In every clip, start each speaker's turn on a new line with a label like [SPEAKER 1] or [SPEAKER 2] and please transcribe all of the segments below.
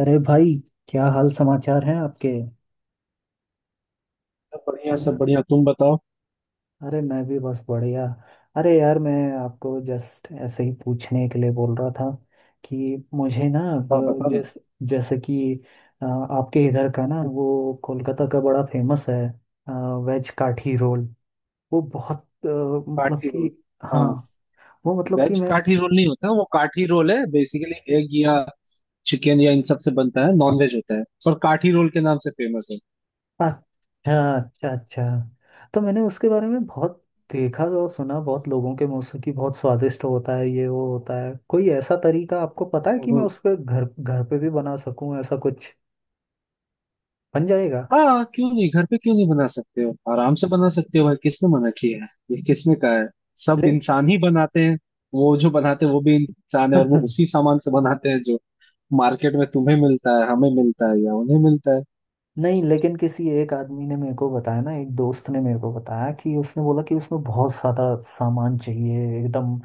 [SPEAKER 1] अरे भाई, क्या हाल समाचार हैं आपके?
[SPEAKER 2] सब बढ़िया, सब बढ़िया। तुम बताओ।
[SPEAKER 1] अरे, मैं भी बस बढ़िया। अरे यार, मैं आपको जस्ट ऐसे ही पूछने के लिए बोल रहा था कि मुझे ना,
[SPEAKER 2] हाँ,
[SPEAKER 1] वो
[SPEAKER 2] बता ना।
[SPEAKER 1] जैसे कि आपके इधर का ना वो कोलकाता का बड़ा फेमस है, वेज काठी रोल। वो बहुत मतलब
[SPEAKER 2] काठी
[SPEAKER 1] कि।
[SPEAKER 2] रोल?
[SPEAKER 1] हाँ,
[SPEAKER 2] हाँ।
[SPEAKER 1] वो मतलब कि
[SPEAKER 2] वेज
[SPEAKER 1] मैं।
[SPEAKER 2] काठी रोल नहीं होता, वो काठी रोल है बेसिकली एग या चिकन या इन सब से बनता है, नॉन वेज होता है, पर काठी रोल के नाम से फेमस है।
[SPEAKER 1] अच्छा, अच्छा, अच्छा। तो मैंने उसके बारे में बहुत देखा और सुना, बहुत लोगों के मुंह से कि बहुत स्वादिष्ट होता है ये, वो होता है। कोई ऐसा तरीका आपको पता है कि मैं
[SPEAKER 2] हम्म।
[SPEAKER 1] उस पर घर घर पे भी बना सकूं? ऐसा कुछ बन जाएगा?
[SPEAKER 2] हाँ, क्यों नहीं घर पे क्यों नहीं बना सकते हो, आराम से बना सकते हो भाई। किसने मना किया है, ये किसने कहा है। सब
[SPEAKER 1] ले
[SPEAKER 2] इंसान ही बनाते हैं। वो जो बनाते हैं वो भी इंसान है, और वो उसी सामान से बनाते हैं जो मार्केट में तुम्हें मिलता है, हमें मिलता है या उन्हें मिलता है।
[SPEAKER 1] नहीं, लेकिन किसी एक आदमी ने मेरे को बताया ना, एक दोस्त ने मेरे को बताया कि उसने बोला कि उसमें बहुत सारा सामान चाहिए एकदम।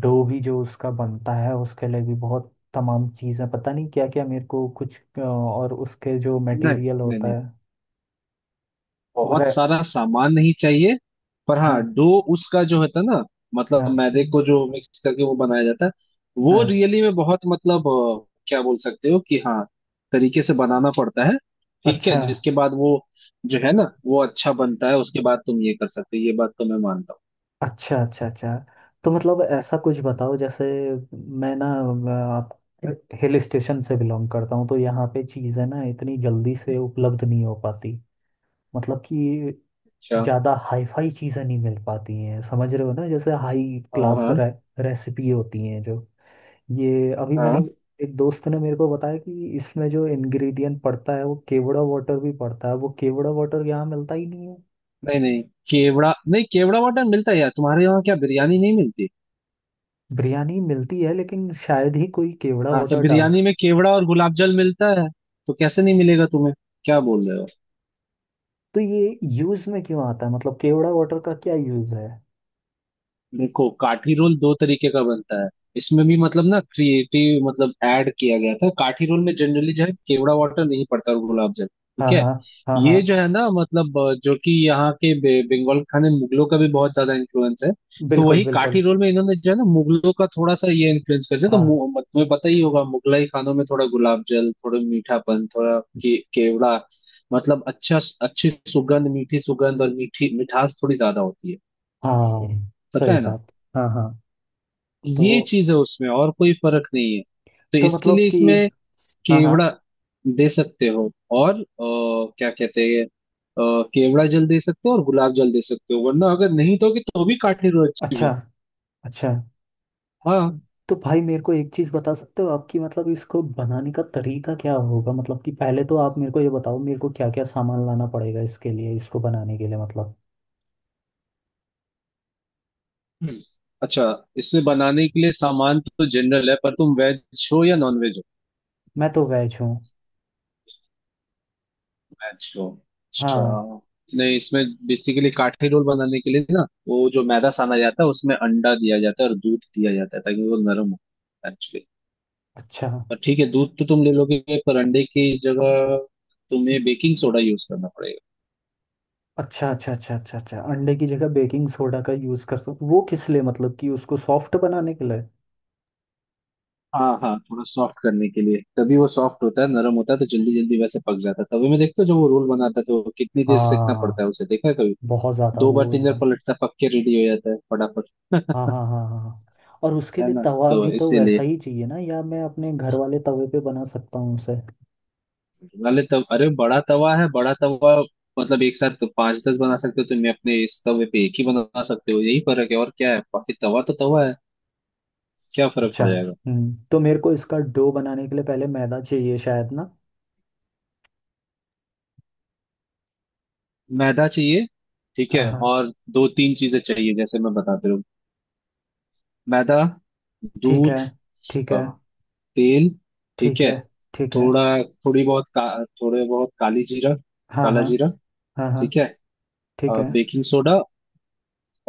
[SPEAKER 1] डो भी जो उसका बनता है उसके लिए भी बहुत तमाम चीज़ें, पता नहीं क्या क्या, मेरे को कुछ और उसके जो
[SPEAKER 2] नहीं
[SPEAKER 1] मटेरियल
[SPEAKER 2] नहीं
[SPEAKER 1] होता
[SPEAKER 2] नहीं
[SPEAKER 1] है। वो
[SPEAKER 2] बहुत
[SPEAKER 1] रे
[SPEAKER 2] सारा सामान नहीं चाहिए। पर हाँ,
[SPEAKER 1] हाँ,
[SPEAKER 2] डो उसका जो होता है ना, मतलब
[SPEAKER 1] हाँ,
[SPEAKER 2] मैदे को जो मिक्स करके वो बनाया जाता है, वो
[SPEAKER 1] हाँ।
[SPEAKER 2] रियली में बहुत, मतलब क्या बोल सकते हो कि हाँ, तरीके से बनाना पड़ता है। ठीक है,
[SPEAKER 1] अच्छा,
[SPEAKER 2] जिसके बाद वो जो है ना, वो अच्छा बनता है, उसके बाद तुम ये कर सकते हो, ये बात तो मैं मानता
[SPEAKER 1] अच्छा, अच्छा, अच्छा। तो मतलब ऐसा कुछ बताओ। जैसे मैं ना, मैं आप हिल स्टेशन से बिलोंग करता हूँ, तो यहाँ पे चीज़ें ना इतनी जल्दी
[SPEAKER 2] हूँ।
[SPEAKER 1] से उपलब्ध नहीं हो पाती। मतलब कि
[SPEAKER 2] अच्छा।
[SPEAKER 1] ज़्यादा हाईफाई चीज़ें नहीं मिल पाती हैं, समझ रहे हो ना, जैसे हाई
[SPEAKER 2] हाँ,
[SPEAKER 1] क्लास
[SPEAKER 2] हाँ,
[SPEAKER 1] रेसिपी होती हैं जो। ये अभी मैंने
[SPEAKER 2] हाँ।
[SPEAKER 1] एक दोस्त ने मेरे को बताया कि इसमें जो इंग्रेडिएंट पड़ता है वो केवड़ा वाटर भी पड़ता है, वो केवड़ा वाटर यहाँ मिलता ही नहीं है।
[SPEAKER 2] नहीं नहीं। केवड़ा नहीं, केवड़ा वाटर मिलता है यार। तुम्हारे यहाँ क्या बिरयानी नहीं मिलती?
[SPEAKER 1] बिरयानी मिलती है, लेकिन शायद ही कोई केवड़ा
[SPEAKER 2] हाँ, तो
[SPEAKER 1] वाटर
[SPEAKER 2] बिरयानी
[SPEAKER 1] डालता।
[SPEAKER 2] में केवड़ा और गुलाब जल मिलता है। तो कैसे नहीं मिलेगा तुम्हें, क्या बोल रहे हो।
[SPEAKER 1] तो ये यूज़ में क्यों आता है? मतलब केवड़ा वाटर का क्या यूज़ है?
[SPEAKER 2] देखो, काठी रोल दो तरीके का बनता है। इसमें भी मतलब ना क्रिएटिव मतलब ऐड किया गया था। काठी रोल में जनरली जो है केवड़ा वाटर नहीं पड़ता और गुलाब जल।
[SPEAKER 1] हाँ,
[SPEAKER 2] ठीक है,
[SPEAKER 1] हाँ, हाँ, हाँ।
[SPEAKER 2] ये जो है ना मतलब जो कि यहाँ के बंगाल के खाने में मुगलों का भी बहुत ज्यादा इन्फ्लुएंस है। तो
[SPEAKER 1] बिल्कुल
[SPEAKER 2] वही
[SPEAKER 1] बिल्कुल।
[SPEAKER 2] काठी रोल में इन्होंने जो है ना मुगलों का थोड़ा सा ये इन्फ्लुएंस कर दिया। तो
[SPEAKER 1] हाँ,
[SPEAKER 2] मु- मत- तुम्हें पता ही होगा, मुगलाई खानों में थोड़ा गुलाब जल, थोड़ा मीठापन, थोड़ा केवड़ा, मतलब अच्छा, अच्छी सुगंध, मीठी सुगंध और मीठी मिठास थोड़ी ज्यादा होती है।
[SPEAKER 1] हाँ।
[SPEAKER 2] पता
[SPEAKER 1] सही
[SPEAKER 2] है ना,
[SPEAKER 1] बात। हाँ, हाँ। तो
[SPEAKER 2] ये चीज है उसमें, और कोई फर्क नहीं है। तो
[SPEAKER 1] तो मतलब
[SPEAKER 2] इसीलिए
[SPEAKER 1] कि।
[SPEAKER 2] इसमें
[SPEAKER 1] हाँ, हाँ।
[SPEAKER 2] केवड़ा दे सकते हो और क्या कहते हैं, केवड़ा जल दे सकते हो और गुलाब जल दे सकते हो, वरना अगर नहीं दोगे तो भी काठे रोज।
[SPEAKER 1] अच्छा, अच्छा।
[SPEAKER 2] हाँ।
[SPEAKER 1] तो भाई मेरे को एक चीज़ बता सकते हो आपकी, मतलब इसको बनाने का तरीका क्या होगा? मतलब कि पहले तो आप मेरे को ये बताओ, मेरे को क्या क्या सामान लाना पड़ेगा इसके लिए, इसको बनाने के लिए, मतलब।
[SPEAKER 2] हम्म। अच्छा, इससे बनाने के लिए सामान तो जनरल है, पर तुम वेज हो या नॉन वेज हो।
[SPEAKER 1] मैं तो वेज हूँ।
[SPEAKER 2] वेज हो, अच्छा।
[SPEAKER 1] हाँ।
[SPEAKER 2] नहीं, इसमें बेसिकली काठे रोल बनाने के लिए ना वो जो मैदा साना जाता है उसमें अंडा दिया जाता है और दूध दिया जाता है ताकि वो नरम हो।
[SPEAKER 1] अच्छा,
[SPEAKER 2] और ठीक है, दूध तो तुम ले लोगे, पर अंडे की जगह तुम्हें बेकिंग सोडा यूज करना पड़ेगा।
[SPEAKER 1] अच्छा, अच्छा, अच्छा, अच्छा, अच्छा। अंडे की जगह बेकिंग सोडा का यूज़ कर सकते? वो किस लिए, मतलब कि उसको सॉफ्ट बनाने के लिए?
[SPEAKER 2] हाँ हाँ, थोड़ा सॉफ्ट करने के लिए, तभी वो सॉफ्ट होता है, नरम होता है तो जल्दी जल्दी वैसे पक जाता है। तभी मैं देखता हूँ जब वो रोल बनाता है तो कितनी देर सेकना पड़ता
[SPEAKER 1] हाँ,
[SPEAKER 2] है उसे, देखा है कभी?
[SPEAKER 1] बहुत ज़्यादा
[SPEAKER 2] दो बार
[SPEAKER 1] वो
[SPEAKER 2] तीन बार
[SPEAKER 1] एकदम।
[SPEAKER 2] पलटता, पक के रेडी हो जाता है फटाफट।
[SPEAKER 1] हाँ, हाँ, हाँ, हाँ, हाँ। और उसके
[SPEAKER 2] है
[SPEAKER 1] लिए
[SPEAKER 2] ना,
[SPEAKER 1] तवा
[SPEAKER 2] तो
[SPEAKER 1] भी तो वैसा
[SPEAKER 2] इसीलिए
[SPEAKER 1] ही चाहिए ना, या मैं अपने घर वाले तवे पे बना सकता हूँ उसे?
[SPEAKER 2] वाले तब, अरे बड़ा तवा है, बड़ा तवा। मतलब एक साथ तो पांच दस बना सकते हो तुम, अपने इस तवे पे एक ही बना सकते हो, यही फर्क है और क्या है, बाकी तवा तो तवा है, क्या फर्क
[SPEAKER 1] अच्छा।
[SPEAKER 2] पड़ जाएगा।
[SPEAKER 1] हम्म। तो मेरे को इसका डो बनाने के लिए पहले मैदा चाहिए शायद ना।
[SPEAKER 2] मैदा चाहिए, ठीक है,
[SPEAKER 1] हाँ, हाँ।
[SPEAKER 2] और दो तीन चीजें चाहिए, जैसे मैं बताते रहूँ। मैदा,
[SPEAKER 1] ठीक है।
[SPEAKER 2] दूध,
[SPEAKER 1] ठीक
[SPEAKER 2] अ,
[SPEAKER 1] है।
[SPEAKER 2] तेल, ठीक
[SPEAKER 1] ठीक
[SPEAKER 2] है,
[SPEAKER 1] है। ठीक है।
[SPEAKER 2] थोड़ा, थोड़ी बहुत थोड़े बहुत काली जीरा,
[SPEAKER 1] हाँ,
[SPEAKER 2] काला
[SPEAKER 1] हाँ,
[SPEAKER 2] जीरा,
[SPEAKER 1] हाँ, हाँ।
[SPEAKER 2] ठीक है,
[SPEAKER 1] ठीक है।
[SPEAKER 2] और बेकिंग सोडा,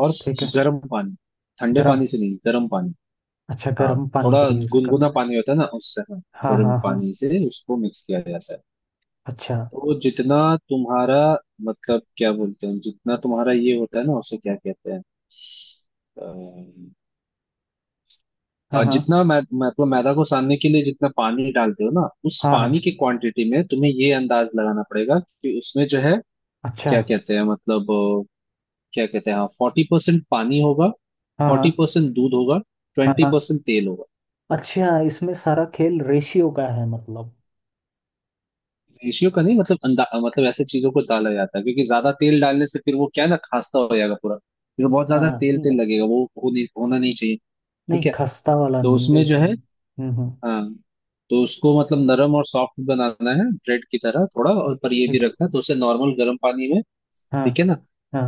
[SPEAKER 2] और
[SPEAKER 1] ठीक है।
[SPEAKER 2] गर्म पानी। ठंडे
[SPEAKER 1] गरम।
[SPEAKER 2] पानी से नहीं, गर्म पानी।
[SPEAKER 1] अच्छा,
[SPEAKER 2] हाँ,
[SPEAKER 1] गरम पानी
[SPEAKER 2] थोड़ा
[SPEAKER 1] का यूज़ करना
[SPEAKER 2] गुनगुना
[SPEAKER 1] है?
[SPEAKER 2] पानी होता है ना उससे, हाँ,
[SPEAKER 1] हाँ,
[SPEAKER 2] गर्म
[SPEAKER 1] हाँ, हाँ।
[SPEAKER 2] पानी से उसको मिक्स किया जाता है।
[SPEAKER 1] अच्छा।
[SPEAKER 2] तो जितना तुम्हारा, मतलब क्या बोलते हैं, जितना तुम्हारा ये होता है ना उसे क्या कहते हैं, अम,
[SPEAKER 1] हाँ,
[SPEAKER 2] और
[SPEAKER 1] हाँ,
[SPEAKER 2] जितना मतलब मैदा को सानने के लिए जितना पानी डालते हो ना, उस
[SPEAKER 1] हाँ,
[SPEAKER 2] पानी
[SPEAKER 1] हाँ।
[SPEAKER 2] की क्वांटिटी में तुम्हें ये अंदाज लगाना पड़ेगा कि उसमें जो है,
[SPEAKER 1] अच्छा।
[SPEAKER 2] क्या कहते हैं मतलब क्या कहते हैं, हाँ, 40% पानी होगा,
[SPEAKER 1] हाँ,
[SPEAKER 2] फोर्टी
[SPEAKER 1] हाँ,
[SPEAKER 2] परसेंट दूध होगा,
[SPEAKER 1] हाँ,
[SPEAKER 2] ट्वेंटी
[SPEAKER 1] हाँ।
[SPEAKER 2] परसेंट तेल होगा।
[SPEAKER 1] अच्छा, इसमें सारा खेल रेशियो का है मतलब?
[SPEAKER 2] रेशियो का नहीं, मतलब अंदा मतलब ऐसे चीजों को डाला जाता है क्योंकि ज्यादा तेल डालने से फिर वो क्या है ना, खास्ता हो जाएगा पूरा, फिर बहुत ज्यादा
[SPEAKER 1] हाँ।
[SPEAKER 2] तेल तेल लगेगा, वो हो नहीं, होना नहीं चाहिए। ठीक
[SPEAKER 1] नहीं,
[SPEAKER 2] है,
[SPEAKER 1] खस्ता वाला
[SPEAKER 2] तो
[SPEAKER 1] नहीं, वो
[SPEAKER 2] उसमें जो
[SPEAKER 1] एकदम।
[SPEAKER 2] है,
[SPEAKER 1] हम्म, हम्म।
[SPEAKER 2] हाँ, तो उसको मतलब नरम और सॉफ्ट बनाना है, ब्रेड की तरह थोड़ा, और पर ये भी
[SPEAKER 1] एक।
[SPEAKER 2] रखना है तो उसे नॉर्मल गर्म पानी में,
[SPEAKER 1] हाँ,
[SPEAKER 2] ठीक है ना।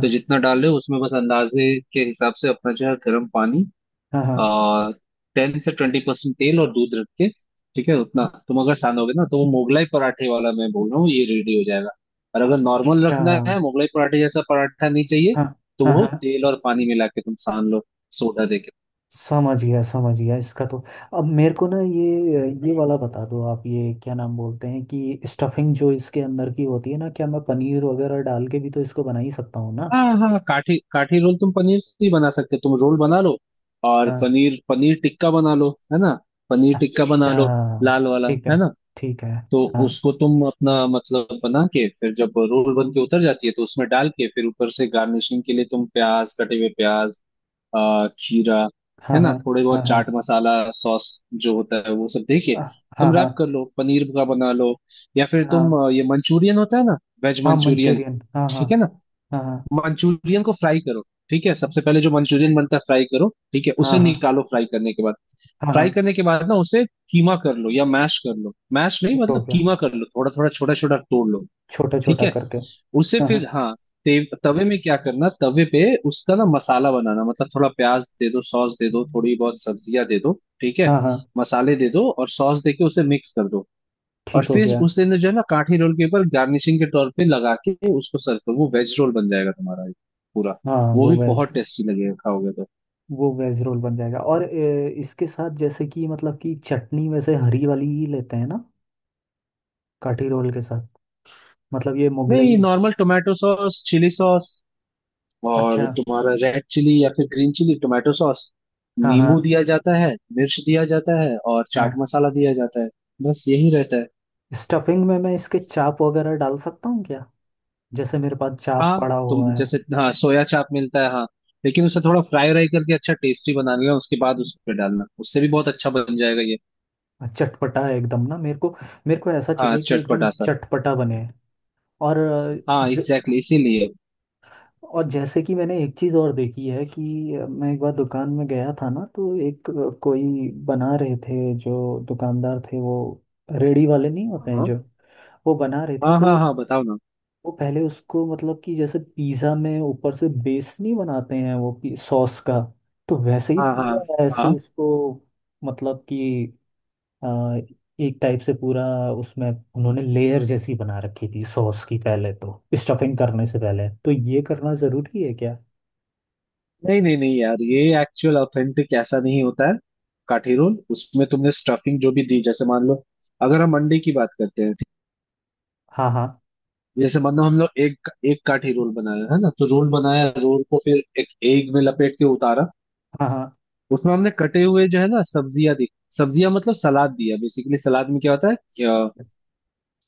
[SPEAKER 2] तो जितना डाल रहे हो उसमें बस अंदाजे के हिसाब से अपना जो है गर्म पानी,
[SPEAKER 1] हाँ, हाँ।
[SPEAKER 2] आ, 10 से 20% तेल और दूध रख के, ठीक है, उतना तुम अगर सानोगे ना तो वो मोगलाई पराठे वाला, मैं बोल रहा हूँ ये रेडी हो जाएगा। और अगर नॉर्मल
[SPEAKER 1] अच्छा,
[SPEAKER 2] रखना है,
[SPEAKER 1] हाँ।
[SPEAKER 2] मोगलाई पराठे जैसा पराठा नहीं चाहिए, तो
[SPEAKER 1] हाँ,
[SPEAKER 2] वो
[SPEAKER 1] हाँ।
[SPEAKER 2] तेल और पानी मिला के तुम सान लो, सोडा दे के।
[SPEAKER 1] समझ गया, समझ गया इसका तो। अब मेरे को ना ये वाला बता दो आप, ये क्या नाम बोलते हैं कि स्टफिंग जो इसके अंदर की होती है ना, क्या मैं पनीर वगैरह डाल के भी तो इसको बना ही सकता हूँ ना?
[SPEAKER 2] हाँ हाँ, काठी काठी रोल तुम पनीर से ही बना सकते हो। तुम रोल बना लो और
[SPEAKER 1] हाँ।
[SPEAKER 2] पनीर, पनीर टिक्का बना लो, है ना, पनीर टिक्का बना लो,
[SPEAKER 1] अच्छा।
[SPEAKER 2] लाल वाला,
[SPEAKER 1] ठीक है।
[SPEAKER 2] है ना।
[SPEAKER 1] ठीक है।
[SPEAKER 2] तो
[SPEAKER 1] हाँ,
[SPEAKER 2] उसको तुम अपना मतलब बना के फिर जब रोल बन के उतर जाती है तो उसमें डाल के, फिर ऊपर से गार्निशिंग के लिए तुम प्याज, कटे हुए प्याज, खीरा, है
[SPEAKER 1] हाँ,
[SPEAKER 2] ना,
[SPEAKER 1] हाँ,
[SPEAKER 2] थोड़े बहुत
[SPEAKER 1] हाँ,
[SPEAKER 2] चाट मसाला, सॉस जो होता है वो सब दे के
[SPEAKER 1] हाँ, हाँ,
[SPEAKER 2] तुम
[SPEAKER 1] हाँ,
[SPEAKER 2] रैप कर लो, पनीर का बना लो। या फिर तुम
[SPEAKER 1] हाँ,
[SPEAKER 2] ये मंचूरियन होता है ना, वेज
[SPEAKER 1] हाँ।
[SPEAKER 2] मंचूरियन,
[SPEAKER 1] मंचूरियन, हाँ। हाँ,
[SPEAKER 2] ठीक है ना,
[SPEAKER 1] हाँ,
[SPEAKER 2] मंचूरियन को फ्राई करो, ठीक है, सबसे पहले जो मंचूरियन बनता है फ्राई करो, ठीक है,
[SPEAKER 1] हाँ,
[SPEAKER 2] उसे
[SPEAKER 1] हाँ, हाँ,
[SPEAKER 2] निकालो फ्राई करने के बाद,
[SPEAKER 1] हाँ, हाँ।
[SPEAKER 2] ना उसे कीमा कर लो या मैश कर लो, मैश नहीं
[SPEAKER 1] ठीक हो
[SPEAKER 2] मतलब
[SPEAKER 1] गया,
[SPEAKER 2] कीमा कर लो, थोड़ा थोड़ा छोटा छोटा तोड़ लो,
[SPEAKER 1] छोटा
[SPEAKER 2] ठीक
[SPEAKER 1] छोटा
[SPEAKER 2] है,
[SPEAKER 1] करके।
[SPEAKER 2] उसे
[SPEAKER 1] हाँ, हाँ,
[SPEAKER 2] फिर हाँ, तवे में क्या करना, तवे पे उसका ना मसाला बनाना, मतलब थोड़ा प्याज दे दो, सॉस दे दो, थोड़ी बहुत सब्जियां दे दो, ठीक है,
[SPEAKER 1] हाँ, हाँ।
[SPEAKER 2] मसाले दे दो और सॉस दे के उसे मिक्स कर दो, और
[SPEAKER 1] ठीक हो
[SPEAKER 2] फिर
[SPEAKER 1] गया।
[SPEAKER 2] उसे ना जो है ना काठी रोल के ऊपर गार्निशिंग के तौर पे लगा के उसको सर्व करो, वो वेज रोल बन जाएगा तुम्हारा एक, पूरा,
[SPEAKER 1] हाँ
[SPEAKER 2] वो
[SPEAKER 1] वो
[SPEAKER 2] भी
[SPEAKER 1] वेज।
[SPEAKER 2] बहुत टेस्टी लगेगा खाओगे तो।
[SPEAKER 1] वो वेज रोल बन जाएगा। और इसके साथ जैसे कि मतलब कि चटनी वैसे हरी वाली ही लेते हैं ना, काठी रोल के साथ, मतलब ये
[SPEAKER 2] नहीं,
[SPEAKER 1] Mughlai?
[SPEAKER 2] Normal tomato sauce, chilli sauce, और
[SPEAKER 1] अच्छा।
[SPEAKER 2] तुम्हारा रेड चिली या फिर ग्रीन चिली, टोमेटो सॉस,
[SPEAKER 1] हाँ, हाँ,
[SPEAKER 2] नींबू दिया जाता है, मिर्च दिया जाता है और
[SPEAKER 1] हाँ।
[SPEAKER 2] चाट मसाला दिया जाता है, बस यही रहता है।
[SPEAKER 1] स्टफिंग में मैं इसके चाप वगैरह डाल सकता हूँ क्या? जैसे मेरे पास चाप
[SPEAKER 2] हाँ,
[SPEAKER 1] पड़ा
[SPEAKER 2] तुम
[SPEAKER 1] हुआ है।
[SPEAKER 2] जैसे, हाँ सोया चाप मिलता है, हाँ, लेकिन उसे थोड़ा फ्राई व्राई करके अच्छा टेस्टी बना लेना, उसके बाद उस पे डालना, उससे भी बहुत अच्छा बन जाएगा ये।
[SPEAKER 1] चटपटा है एकदम ना, मेरे को, मेरे को ऐसा
[SPEAKER 2] हाँ,
[SPEAKER 1] चाहिए कि एकदम
[SPEAKER 2] चटपटा सा।
[SPEAKER 1] चटपटा बने। और
[SPEAKER 2] हाँ
[SPEAKER 1] जो।
[SPEAKER 2] एग्जैक्टली, exactly, इसीलिए।
[SPEAKER 1] और जैसे कि मैंने एक चीज़ और देखी है कि मैं एक बार दुकान में गया था ना, तो एक कोई बना रहे थे जो दुकानदार थे, वो, रेडी वाले नहीं होते हैं
[SPEAKER 2] हाँ
[SPEAKER 1] जो, वो बना रहे थे,
[SPEAKER 2] हाँ
[SPEAKER 1] तो
[SPEAKER 2] हाँ, हाँ बताओ ना,
[SPEAKER 1] वो पहले उसको मतलब कि जैसे पिज़्ज़ा में ऊपर से बेस नहीं बनाते हैं वो, सॉस का, तो वैसे ही
[SPEAKER 2] हाँ हाँ
[SPEAKER 1] पूरा ऐसे
[SPEAKER 2] हाँ।
[SPEAKER 1] उसको मतलब कि आ, एक टाइप से पूरा उसमें उन्होंने लेयर जैसी बना रखी थी सॉस की, पहले तो, स्टफिंग करने से पहले तो ये करना ज़रूरी है क्या?
[SPEAKER 2] नहीं नहीं नहीं यार, ये एक्चुअल ऑथेंटिक ऐसा नहीं होता है। काठी रोल उसमें तुमने स्टफिंग जो भी दी, जैसे मान लो अगर हम अंडे की बात करते हैं,
[SPEAKER 1] हाँ, हाँ,
[SPEAKER 2] जैसे मान लो हम लोग एक एक काठी रोल बनाया है ना, तो रोल बनाया, रोल को फिर एक एग में लपेट के उतारा,
[SPEAKER 1] हाँ, हाँ,
[SPEAKER 2] उसमें हमने कटे हुए जो है ना सब्जियां दी, सब्जियां मतलब सलाद दिया, बेसिकली सलाद में क्या होता है,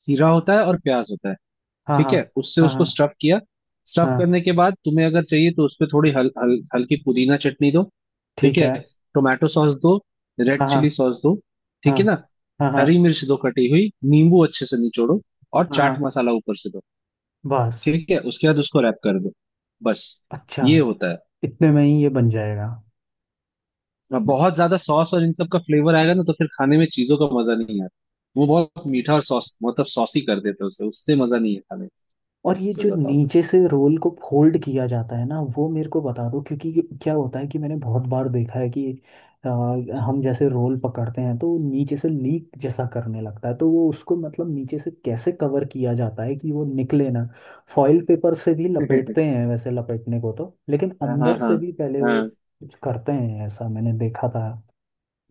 [SPEAKER 2] खीरा होता है और प्याज होता है,
[SPEAKER 1] हाँ,
[SPEAKER 2] ठीक
[SPEAKER 1] हाँ,
[SPEAKER 2] है, उससे
[SPEAKER 1] हाँ,
[SPEAKER 2] उसको
[SPEAKER 1] हाँ,
[SPEAKER 2] स्टफ किया। स्टफ
[SPEAKER 1] हाँ।
[SPEAKER 2] करने के बाद तुम्हें अगर चाहिए तो उसपे थोड़ी हल, हल, हल्की पुदीना चटनी दो, ठीक
[SPEAKER 1] ठीक
[SPEAKER 2] है,
[SPEAKER 1] है।
[SPEAKER 2] टोमेटो सॉस दो, रेड
[SPEAKER 1] हाँ,
[SPEAKER 2] चिली
[SPEAKER 1] हाँ,
[SPEAKER 2] सॉस दो, ठीक
[SPEAKER 1] हाँ,
[SPEAKER 2] है ना,
[SPEAKER 1] हाँ, हाँ,
[SPEAKER 2] हरी मिर्च दो कटी हुई, नींबू अच्छे से निचोड़ो और
[SPEAKER 1] हाँ। हाँ,
[SPEAKER 2] चाट मसाला ऊपर से दो,
[SPEAKER 1] बस।
[SPEAKER 2] ठीक है, उसके बाद उसको रैप कर दो, बस,
[SPEAKER 1] अच्छा।
[SPEAKER 2] ये होता है।
[SPEAKER 1] इतने में ही ये बन जाएगा?
[SPEAKER 2] अब बहुत ज्यादा सॉस और इन सब का फ्लेवर आएगा ना तो फिर खाने में चीजों का मजा नहीं आता, वो बहुत मीठा और सॉस मतलब सॉसी कर देते हैं उसे, उससे मजा नहीं है खाने में,
[SPEAKER 1] और ये जो
[SPEAKER 2] सच बताओ तो।
[SPEAKER 1] नीचे से रोल को फोल्ड किया जाता है ना, वो मेरे को बता दो, क्योंकि ये क्या होता है कि मैंने बहुत बार देखा है कि आ, हम जैसे रोल पकड़ते हैं तो वो नीचे से लीक जैसा करने लगता है, तो वो उसको मतलब नीचे से कैसे कवर किया जाता है कि वो निकले ना। फॉइल पेपर से भी लपेटते हैं वैसे लपेटने को तो, लेकिन
[SPEAKER 2] हाँ
[SPEAKER 1] अंदर से
[SPEAKER 2] हाँ
[SPEAKER 1] भी पहले वो
[SPEAKER 2] हाँ।
[SPEAKER 1] कुछ करते हैं, ऐसा मैंने देखा था।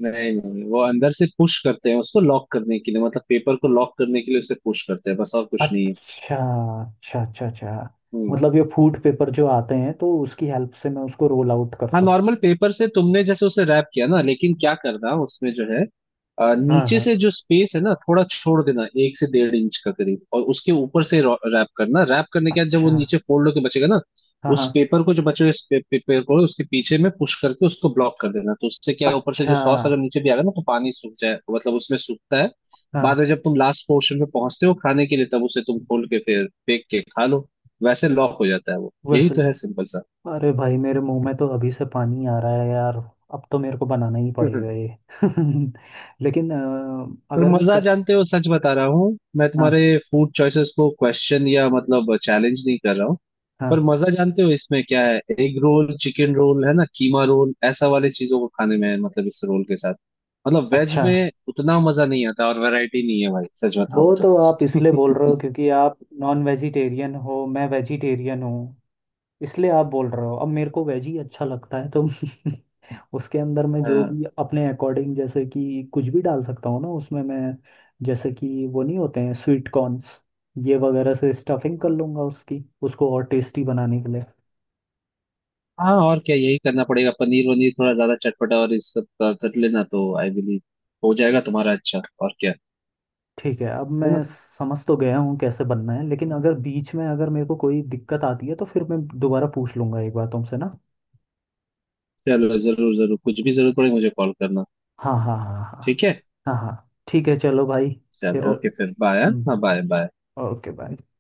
[SPEAKER 2] नहीं नहीं, वो अंदर से पुश करते हैं उसको लॉक करने के लिए, मतलब पेपर को लॉक करने के लिए उसे पुश करते हैं, बस, और कुछ नहीं है।
[SPEAKER 1] अच्छा, अच्छा, अच्छा, अच्छा।
[SPEAKER 2] हम्म।
[SPEAKER 1] मतलब ये फूड पेपर जो आते हैं तो उसकी हेल्प से मैं उसको रोल आउट कर
[SPEAKER 2] हाँ
[SPEAKER 1] सकता
[SPEAKER 2] नॉर्मल पेपर से तुमने जैसे उसे रैप किया ना, लेकिन क्या करना उसमें जो है,
[SPEAKER 1] हूँ? हाँ,
[SPEAKER 2] नीचे
[SPEAKER 1] हाँ।
[SPEAKER 2] से जो स्पेस है ना थोड़ा छोड़ देना, 1 से 1.5 इंच का करीब, और उसके ऊपर से रैप करना, रैप करने के बाद जब
[SPEAKER 1] अच्छा।
[SPEAKER 2] वो नीचे फोल्ड होके बचेगा ना,
[SPEAKER 1] हाँ, हाँ।
[SPEAKER 2] उस पेपर को जो बचे हुए पेपर को उसके पीछे में पुश करके उसको ब्लॉक कर देना, तो उससे क्या है, ऊपर से
[SPEAKER 1] अच्छा।
[SPEAKER 2] जो सॉस अगर नीचे भी आ गया ना तो पानी सूख जाए, मतलब उसमें सूखता है। बाद
[SPEAKER 1] हाँ।
[SPEAKER 2] में जब तुम लास्ट पोर्शन पे पहुंचते हो खाने के लिए तब उसे तुम खोल के फिर फेंक के खा लो, वैसे लॉक हो जाता है वो, यही
[SPEAKER 1] वैसे।
[SPEAKER 2] तो है सिंपल
[SPEAKER 1] अरे भाई, मेरे मुंह में तो अभी से पानी आ रहा है यार। अब तो मेरे को बनाना ही
[SPEAKER 2] सा।
[SPEAKER 1] पड़ेगा ये। लेकिन
[SPEAKER 2] पर
[SPEAKER 1] अगर मैं
[SPEAKER 2] मजा जानते हो, सच बता रहा हूँ, मैं तुम्हारे
[SPEAKER 1] हाँ,
[SPEAKER 2] फूड चॉइसेस को क्वेश्चन या मतलब चैलेंज नहीं कर रहा हूँ, पर
[SPEAKER 1] हाँ।
[SPEAKER 2] मजा जानते हो इसमें क्या है, एग रोल, चिकन रोल है ना, कीमा रोल, ऐसा वाले चीजों को खाने में है, मतलब इस रोल के साथ, मतलब वेज
[SPEAKER 1] अच्छा।
[SPEAKER 2] में उतना मजा नहीं आता और वैरायटी नहीं है भाई, सच बताओ
[SPEAKER 1] वो
[SPEAKER 2] तो।
[SPEAKER 1] तो आप इसलिए बोल रहे हो क्योंकि आप नॉन वेजिटेरियन हो, मैं वेजिटेरियन हूँ, इसलिए आप बोल रहे हो। अब मेरे को वेज ही अच्छा लगता है तो उसके अंदर मैं जो
[SPEAKER 2] हाँ
[SPEAKER 1] भी अपने अकॉर्डिंग जैसे कि कुछ भी डाल सकता हूँ ना उसमें मैं, जैसे कि वो नहीं होते हैं स्वीट कॉर्न्स, ये वगैरह से स्टफिंग कर लूँगा उसकी, उसको और टेस्टी बनाने के लिए।
[SPEAKER 2] हाँ, और क्या, यही करना पड़ेगा, पनीर वनीर थोड़ा ज्यादा चटपटा और इस सब का कर लेना तो आई बिलीव हो जाएगा तुम्हारा अच्छा, और क्या,
[SPEAKER 1] ठीक है, अब मैं
[SPEAKER 2] है ना।
[SPEAKER 1] समझ तो गया हूँ कैसे बनना है, लेकिन अगर बीच में अगर मेरे को कोई दिक्कत आती है तो फिर मैं दोबारा पूछ लूँगा एक बार तुमसे ना।
[SPEAKER 2] चलो जरूर जरूर, कुछ भी जरूरत पड़े मुझे कॉल करना,
[SPEAKER 1] हाँ, हाँ, हाँ, हाँ,
[SPEAKER 2] ठीक है।
[SPEAKER 1] हाँ, हाँ, हाँ, ठीक है, चलो भाई, फिर।
[SPEAKER 2] चलो, ओके, फिर बाय, हाँ
[SPEAKER 1] हम्म,
[SPEAKER 2] बाय बाय।
[SPEAKER 1] Okay bye.